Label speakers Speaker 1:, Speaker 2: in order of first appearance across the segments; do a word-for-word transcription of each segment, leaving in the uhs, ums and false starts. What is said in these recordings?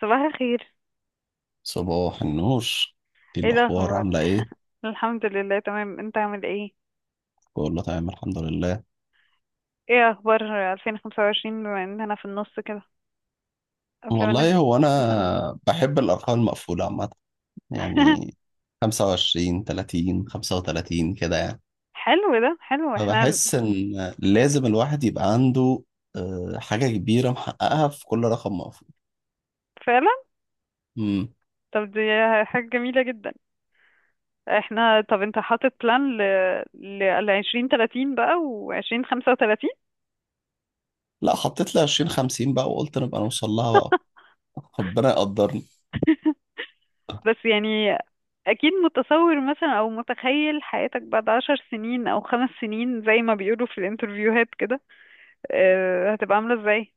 Speaker 1: صباح الخير.
Speaker 2: صباح النور. ايه
Speaker 1: ايه
Speaker 2: الاخبار،
Speaker 1: الاخبار؟
Speaker 2: عامله ايه؟
Speaker 1: الحمد لله تمام. انت عامل ايه؟
Speaker 2: بقول له تمام، الحمد لله.
Speaker 1: ايه اخبار ألفين وخمسة وعشرين بما اننا في النص كده؟ قبل ما
Speaker 2: والله
Speaker 1: نبدأ.
Speaker 2: هو انا بحب الارقام المقفوله عامه، يعني خمسة وعشرين ثلاثين خمسة وثلاثين كده، يعني.
Speaker 1: حلو، ده حلو، احنا
Speaker 2: فبحس ان لازم الواحد يبقى عنده آه، حاجه كبيره محققها في كل رقم مقفول.
Speaker 1: فعلا.
Speaker 2: امم.
Speaker 1: طب دي حاجة جميلة جدا. احنا، طب انت حاطط بلان ل لل ألفين وتلاتين بقى و20 خمسة وتلاتين؟
Speaker 2: لا، حطيت لي عشرين خمسين بقى، وقلت نبقى نوصل لها بقى، ربنا يقدرني.
Speaker 1: بس يعني اكيد متصور مثلا او متخيل حياتك بعد عشر سنين او خمس سنين زي ما بيقولوا في الانترفيوهات. آه، هتبقى عاملة ازاي؟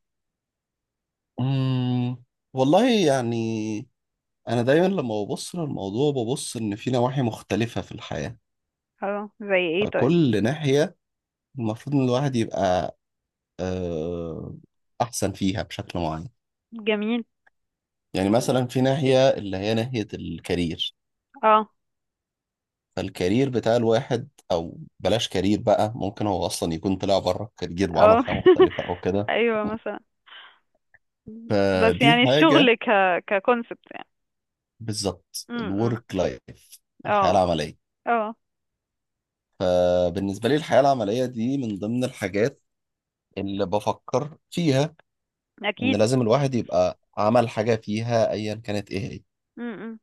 Speaker 2: امم. والله يعني، انا دايما لما ببص للموضوع ببص ان في نواحي مختلفه في الحياه.
Speaker 1: اه، زي ايه؟ طيب.
Speaker 2: فكل ناحية المفروض إن الواحد يبقى آه، أحسن فيها بشكل معين.
Speaker 1: جميل.
Speaker 2: يعني مثلا في ناحية اللي هي ناحية الكارير،
Speaker 1: اه.
Speaker 2: فالكارير بتاع الواحد أو بلاش كارير بقى، ممكن هو أصلا يكون طلع بره الكارير وعمل
Speaker 1: اه.
Speaker 2: حاجة مختلفة أو كده.
Speaker 1: ايوه مثلا. بس
Speaker 2: فدي
Speaker 1: يعني
Speaker 2: حاجة.
Speaker 1: الشغل ك ككونسبت يعني.
Speaker 2: بالظبط،
Speaker 1: امم.
Speaker 2: الورك لايف، الحياة
Speaker 1: اه.
Speaker 2: العملية.
Speaker 1: اه.
Speaker 2: فبالنسبة لي الحياة العملية دي من ضمن الحاجات اللي بفكر فيها، إن
Speaker 1: اكيد.
Speaker 2: لازم الواحد يبقى عمل حاجة فيها أيا كانت إيه هي.
Speaker 1: امم.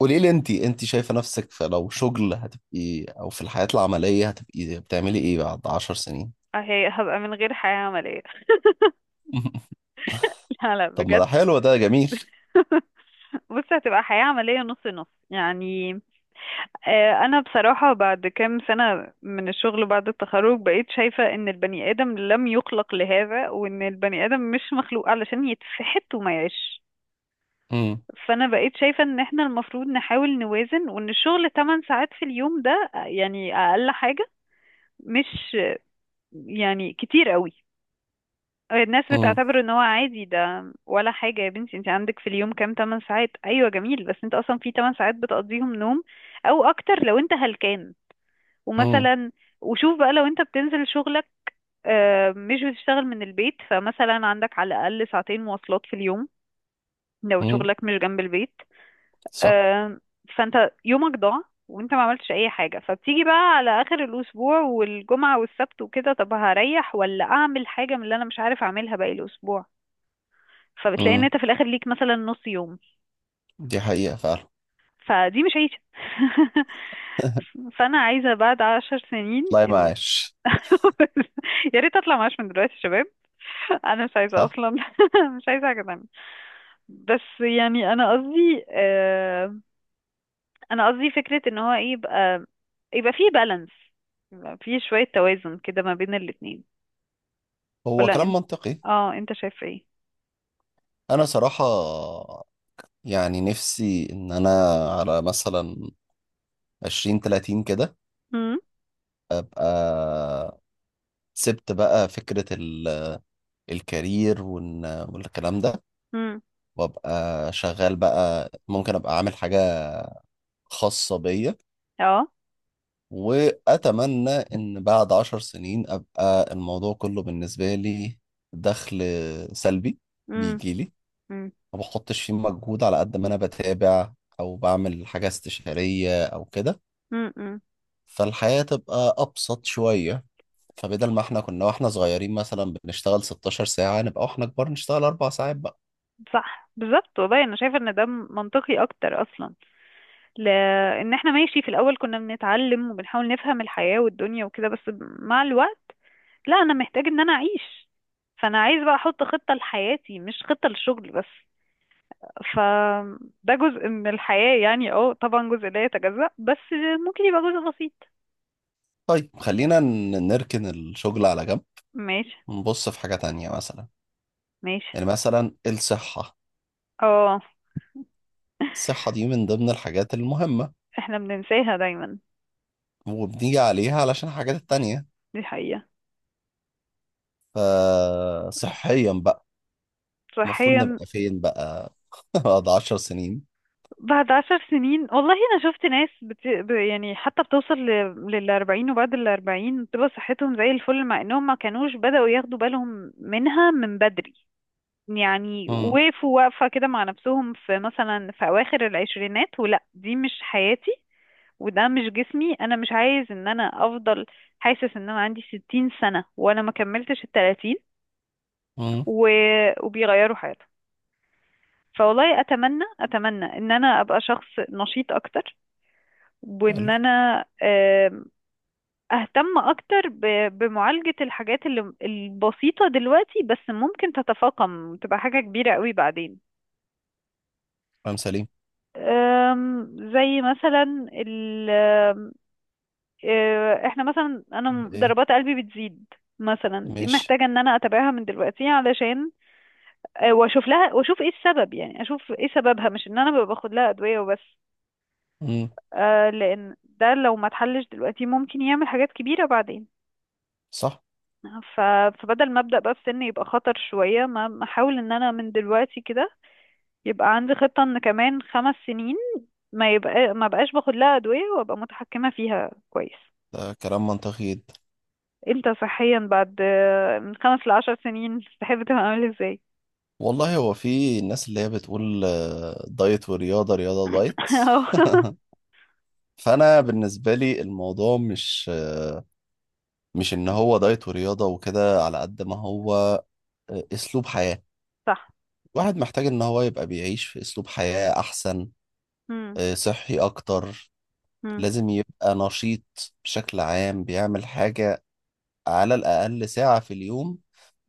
Speaker 2: قولي لي، انت انت شايفة نفسك في، لو شغل هتبقي او في الحياة العملية هتبقي بتعملي ايه بعد عشر سنين؟
Speaker 1: هي هبقى من غير حياة عملية. لا، لا،
Speaker 2: طب ما
Speaker 1: بجد.
Speaker 2: ده حلو، ده جميل.
Speaker 1: بص، هتبقى حياة عملية نص نص يعني. آه، أنا بصراحة بعد كام سنة من الشغل بعد التخرج بقيت شايفة إن البني آدم لم يخلق لهذا، وإن البني آدم مش مخلوق علشان يتفحت وما يعيش.
Speaker 2: امم.
Speaker 1: فانا بقيت شايفة ان احنا المفروض نحاول نوازن، وان الشغل ثماني ساعات في اليوم ده يعني اقل حاجة. مش، يعني كتير قوي. الناس
Speaker 2: امم.
Speaker 1: بتعتبر ان هو عادي ده ولا حاجة. يا بنتي انت عندك في اليوم كام؟ ثماني ساعات؟ ايوه جميل، بس انت اصلا في ثماني ساعات بتقضيهم نوم، او اكتر لو انت هلكان.
Speaker 2: امم.
Speaker 1: ومثلا، وشوف بقى لو انت بتنزل شغلك، آه، مش بتشتغل من البيت، فمثلا عندك على الاقل ساعتين مواصلات في اليوم لو
Speaker 2: امم.
Speaker 1: شغلك مش جنب البيت.
Speaker 2: صح.
Speaker 1: آم، فانت يومك ضاع، وانت ما عملتش اي حاجة، فبتيجي بقى على اخر الاسبوع، والجمعة والسبت وكده، طب هريح ولا اعمل حاجة من اللي انا مش عارف اعملها باقي الاسبوع؟ فبتلاقي ان
Speaker 2: امم.
Speaker 1: انت في الاخر ليك مثلا نص يوم.
Speaker 2: دي حقيقة فعلا.
Speaker 1: فدي مش عيشة. فانا عايزة بعد عشر سنين
Speaker 2: لا،
Speaker 1: إن.
Speaker 2: معاش.
Speaker 1: يا ريت اطلع معاش من دلوقتي يا شباب. انا مش عايزة
Speaker 2: صح.
Speaker 1: اصلا. مش عايزة حاجة تانية. بس يعني انا قصدي انا قصدي فكرة ان هو ايه يبقى يبقى فيه بالانس، يبقى فيه شوية توازن كده ما بين الاتنين.
Speaker 2: هو
Speaker 1: ولا
Speaker 2: كلام
Speaker 1: انت،
Speaker 2: منطقي.
Speaker 1: اه، انت شايف ايه؟
Speaker 2: انا صراحة يعني نفسي ان انا، على مثلا عشرين تلاتين كده،
Speaker 1: امم.
Speaker 2: ابقى سبت بقى فكرة ال- الكارير وإن- والكلام ده،
Speaker 1: امم.
Speaker 2: وابقى شغال بقى. ممكن ابقى عامل حاجة خاصة بيا،
Speaker 1: اه.
Speaker 2: واتمنى ان بعد عشر سنين ابقى الموضوع كله بالنسبة لي دخل سلبي،
Speaker 1: امم.
Speaker 2: بيجي لي
Speaker 1: امم.
Speaker 2: ما بحطش فيه مجهود، على قد ما انا بتابع او بعمل حاجة استشارية او كده.
Speaker 1: امم.
Speaker 2: فالحياة تبقى ابسط شوية. فبدل ما احنا كنا واحنا صغيرين مثلا بنشتغل 16 ساعة، نبقى واحنا كبار نشتغل اربع ساعات بقى.
Speaker 1: صح بالظبط، والله انا شايفه ان ده منطقي اكتر اصلا. لان احنا ماشي، في الاول كنا بنتعلم وبنحاول نفهم الحياه والدنيا وكده، بس مع الوقت، لا، انا محتاج ان انا اعيش. فانا عايز بقى احط خطه لحياتي، مش خطه للشغل بس. فده جزء من الحياة، يعني اه طبعا جزء لا يتجزأ، بس ممكن يبقى جزء بسيط.
Speaker 2: طيب خلينا ن- نركن الشغل على جنب،
Speaker 1: ماشي.
Speaker 2: نبص في حاجة تانية مثلا،
Speaker 1: ماشي.
Speaker 2: يعني مثلا الصحة.
Speaker 1: اه.
Speaker 2: الصحة دي من ضمن الحاجات المهمة،
Speaker 1: احنا بننساها دايما.
Speaker 2: وبنيجي عليها علشان الحاجات التانية.
Speaker 1: دي حقيقة.
Speaker 2: فصحيا بقى، المفروض
Speaker 1: صحيا،
Speaker 2: نبقى فين بقى؟ بعد عشر سنين.
Speaker 1: بعد عشر سنين والله انا شفت ناس بت... ب- يعني حتى بتوصل ل... للأربعين، وبعد الأربعين بتبقى صحتهم زي الفل، مع انهم ما كانوش بدأوا ياخدوا بالهم منها من بدري. يعني
Speaker 2: مم.
Speaker 1: وقفوا واقفة كده مع نفسهم، في مثلا في أواخر العشرينات، ولا دي مش حياتي، وده مش جسمي، انا مش عايز ان انا افضل حاسس ان انا عندي ستين سنة وانا ما كملتش التلاتين.
Speaker 2: مم.
Speaker 1: و... وبيغيروا حياتهم. فوالله اتمنى اتمنى ان انا ابقى شخص نشيط اكتر، وان
Speaker 2: حلو.
Speaker 1: انا آم، اهتم اكتر ب- بمعالجة الحاجات اللي البسيطة دلوقتي، بس ممكن تتفاقم وتبقى حاجة كبيرة قوي بعدين.
Speaker 2: كلام سليم.
Speaker 1: أم، زي مثلا آه، احنا مثلا انا
Speaker 2: ايه.
Speaker 1: ضربات قلبي بتزيد. مثلا دي
Speaker 2: ماشي.
Speaker 1: محتاجة ان انا اتابعها من دلوقتي، علشان آه، واشوف لها واشوف ايه السبب، يعني اشوف ايه سببها، مش ان انا ببقى باخد لها ادوية وبس.
Speaker 2: مم.
Speaker 1: آه، لان ده لو ما اتحلش دلوقتي ممكن يعمل حاجات كبيرة بعدين.
Speaker 2: صح.
Speaker 1: ف... فبدل ما ابدا بقى في سن يبقى خطر شوية، ما ما احاول ان انا من دلوقتي كده يبقى عندي خطة ان كمان خمس سنين ما يبقى ما بقاش باخد لها ادوية، وابقى متحكمة فيها كويس.
Speaker 2: ده كلام منطقي جدا.
Speaker 1: انت صحيا بعد آه، من خمس لعشر سنين تحب تبقى عامل ازاي؟
Speaker 2: والله هو في الناس اللي هي بتقول آه، دايت ورياضة، رياضة ودايت.
Speaker 1: أهو.
Speaker 2: فأنا بالنسبة لي الموضوع مش آه، مش إن هو دايت ورياضة وكده، على قد ما هو آه، أسلوب حياة.
Speaker 1: صح.
Speaker 2: الواحد محتاج ان هو يبقى بيعيش في اسلوب حياة احسن،
Speaker 1: مم.
Speaker 2: آه، صحي اكتر.
Speaker 1: مم.
Speaker 2: لازم يبقى نشيط بشكل عام، بيعمل حاجة على الاقل ساعة في اليوم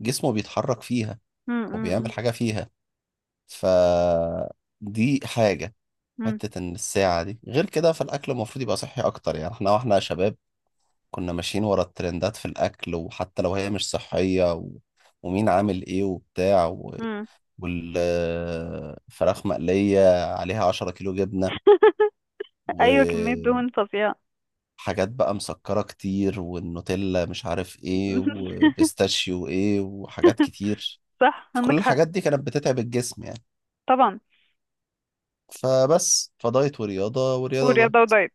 Speaker 2: جسمه بيتحرك فيها
Speaker 1: مم.
Speaker 2: او بيعمل
Speaker 1: مم.
Speaker 2: حاجة فيها. فدي حاجة.
Speaker 1: مم.
Speaker 2: حتة ان الساعة دي غير كده، فالاكل المفروض يبقى صحي اكتر. يعني احنا واحنا شباب كنا ماشيين ورا الترندات في الاكل، وحتى لو هي مش صحية، و... ومين عامل ايه وبتاع،
Speaker 1: مم.
Speaker 2: والفراخ مقلية عليها عشرة كيلو جبنة
Speaker 1: ايوه كمية
Speaker 2: وحاجات
Speaker 1: دهون فظيعة.
Speaker 2: بقى مسكرة كتير، والنوتيلا مش عارف ايه، وبيستاشيو ايه، وحاجات كتير.
Speaker 1: صح،
Speaker 2: فكل
Speaker 1: عندك حق.
Speaker 2: الحاجات دي كانت بتتعب الجسم يعني.
Speaker 1: طبعا.
Speaker 2: فبس، فدايت ورياضة، ورياضة
Speaker 1: ورياضة
Speaker 2: ودايت،
Speaker 1: ودايت.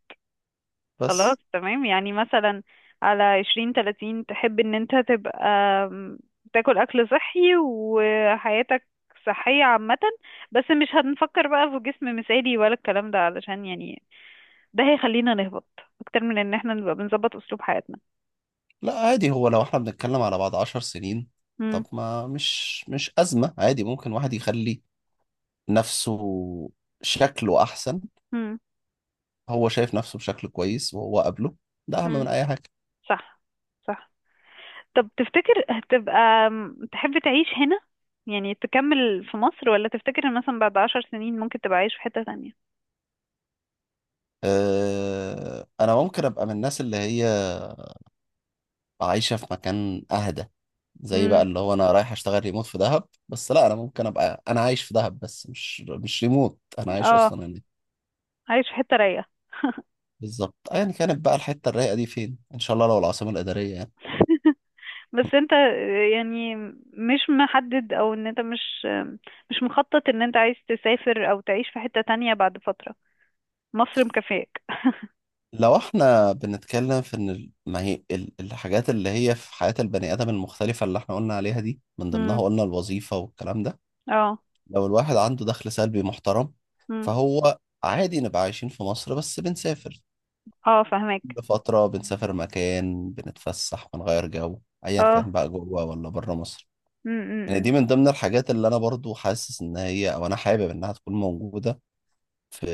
Speaker 2: بس.
Speaker 1: خلاص تمام، يعني مثلا على عشرين تلاتين تحب ان انت تبقى آم، تاكل اكل صحي وحياتك صحية عامة، بس مش هنفكر بقى في جسم مثالي ولا الكلام ده، علشان يعني ده هيخلينا نهبط اكتر من ان احنا نبقى بنظبط اسلوب حياتنا.
Speaker 2: لا عادي، هو لو احنا بنتكلم على بعد عشر سنين،
Speaker 1: مم.
Speaker 2: طب ما مش مش أزمة، عادي ممكن واحد يخلي نفسه شكله أحسن.
Speaker 1: مم.
Speaker 2: هو شايف نفسه بشكل كويس وهو قابله، ده أهم
Speaker 1: مم.
Speaker 2: من أي حاجة.
Speaker 1: صح. صح. طب تفتكر هتبقى، م- تحب تعيش هنا يعني تكمل في مصر، ولا تفتكر ان مثلا بعد عشر سنين ممكن تبقى عايش في حتة تانية؟
Speaker 2: آه، انا ممكن ابقى من الناس اللي هي عايشه في مكان اهدى، زي بقى
Speaker 1: مم.
Speaker 2: اللي هو انا رايح اشتغل ريموت في دهب. بس لا، انا ممكن ابقى انا عايش في دهب، بس مش مش ريموت، انا عايش
Speaker 1: اه.
Speaker 2: اصلا هناك.
Speaker 1: عايش في حتة رايقة.
Speaker 2: بالظبط، ايا كانت بقى الحته الرايقه دي فين، ان شاء الله لو العاصمه الاداريه يعني.
Speaker 1: بس انت يعني، مش محدد او ان انت مش مش مخطط ان انت عايز تسافر او تعيش في حتة تانية بعد فترة؟ مصر مكفياك.
Speaker 2: لو احنا بنتكلم في ان ال- ما هي ال- الحاجات اللي هي في حياه البني ادم المختلفه اللي احنا قلنا عليها دي، من ضمنها
Speaker 1: امم.
Speaker 2: قلنا الوظيفه والكلام ده.
Speaker 1: اه.
Speaker 2: لو الواحد عنده دخل سلبي محترم،
Speaker 1: امم.
Speaker 2: فهو عادي نبقى عايشين في مصر بس بنسافر،
Speaker 1: اه، فهمك.
Speaker 2: كل فترة بنسافر مكان، بنتفسح، بنغير جو، أيا كان بقى جوه ولا بره مصر. يعني
Speaker 1: اه.
Speaker 2: دي من ضمن الحاجات اللي أنا برضو حاسس إن هي، أو أنا حابب إنها تكون موجودة في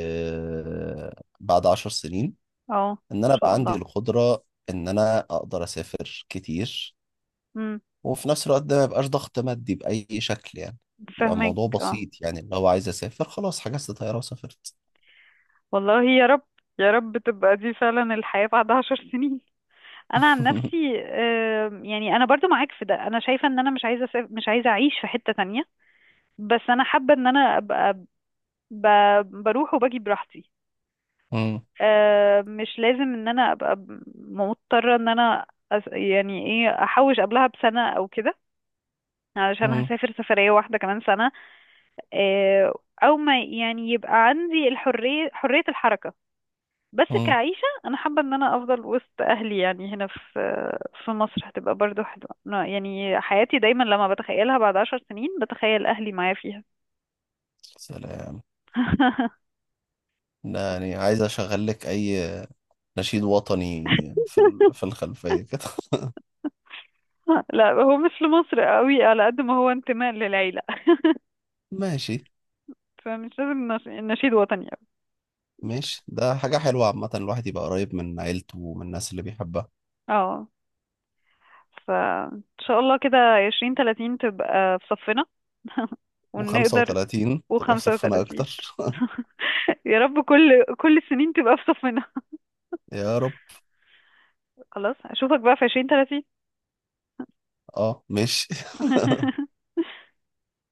Speaker 2: بعد عشر سنين.
Speaker 1: اه.
Speaker 2: إن
Speaker 1: ان
Speaker 2: أنا أبقى
Speaker 1: شاء
Speaker 2: عندي
Speaker 1: الله.
Speaker 2: القدرة إن أنا أقدر أسافر كتير،
Speaker 1: امم.
Speaker 2: وفي نفس الوقت ده ما يبقاش ضغط مادي بأي شكل. يعني يبقى
Speaker 1: فاهمك.
Speaker 2: الموضوع
Speaker 1: اه.
Speaker 2: بسيط، يعني لو عايز أسافر خلاص حجزت طيارة وسافرت.
Speaker 1: والله يا رب، يا رب تبقى دي فعلا الحياة بعد عشر سنين. انا عن نفسي آم، يعني انا برضو معاك في ده، انا شايفة ان انا مش عايزة أسافر، مش عايزة اعيش في حتة تانية، بس انا حابة ان انا ابقى ب... بروح وباجي براحتي.
Speaker 2: مم.
Speaker 1: آم، مش لازم ان انا ابقى ب- مضطرة ان انا أس... يعني ايه احوش قبلها بسنة او كده، علشان
Speaker 2: مم.
Speaker 1: هسافر سفرية واحدة كمان سنة. آه، او ما يعني يبقى عندي الحرية، حرية الحركة. بس
Speaker 2: مم.
Speaker 1: كعيشة أنا حابة إن أنا أفضل وسط أهلي، يعني هنا في في مصر، هتبقى برضو حلوة. أنا يعني حياتي دايما لما بتخيلها بعد عشر سنين بتخيل أهلي معايا فيها.
Speaker 2: سلام. لا يعني عايز اشغل لك اي نشيد وطني في ال- في الخلفيه كده.
Speaker 1: لا، هو مش لمصر قوي على قد ما هو انتماء للعيلة.
Speaker 2: ماشي.
Speaker 1: فمش لازم نش- نشيد وطني قوي.
Speaker 2: ماشي، ده حاجه حلوه عامه، الواحد يبقى قريب من عيلته ومن الناس اللي بيحبها.
Speaker 1: اه، فإن شاء الله كده عشرين تلاتين تبقى في صفنا. ونقدر.
Speaker 2: و35 تبقى في
Speaker 1: وخمسة
Speaker 2: صفنا
Speaker 1: وتلاتين.
Speaker 2: اكتر.
Speaker 1: يا رب، كل كل السنين تبقى في صفنا.
Speaker 2: يا رب.
Speaker 1: خلاص أشوفك بقى في عشرين تلاتين.
Speaker 2: اه ماشي.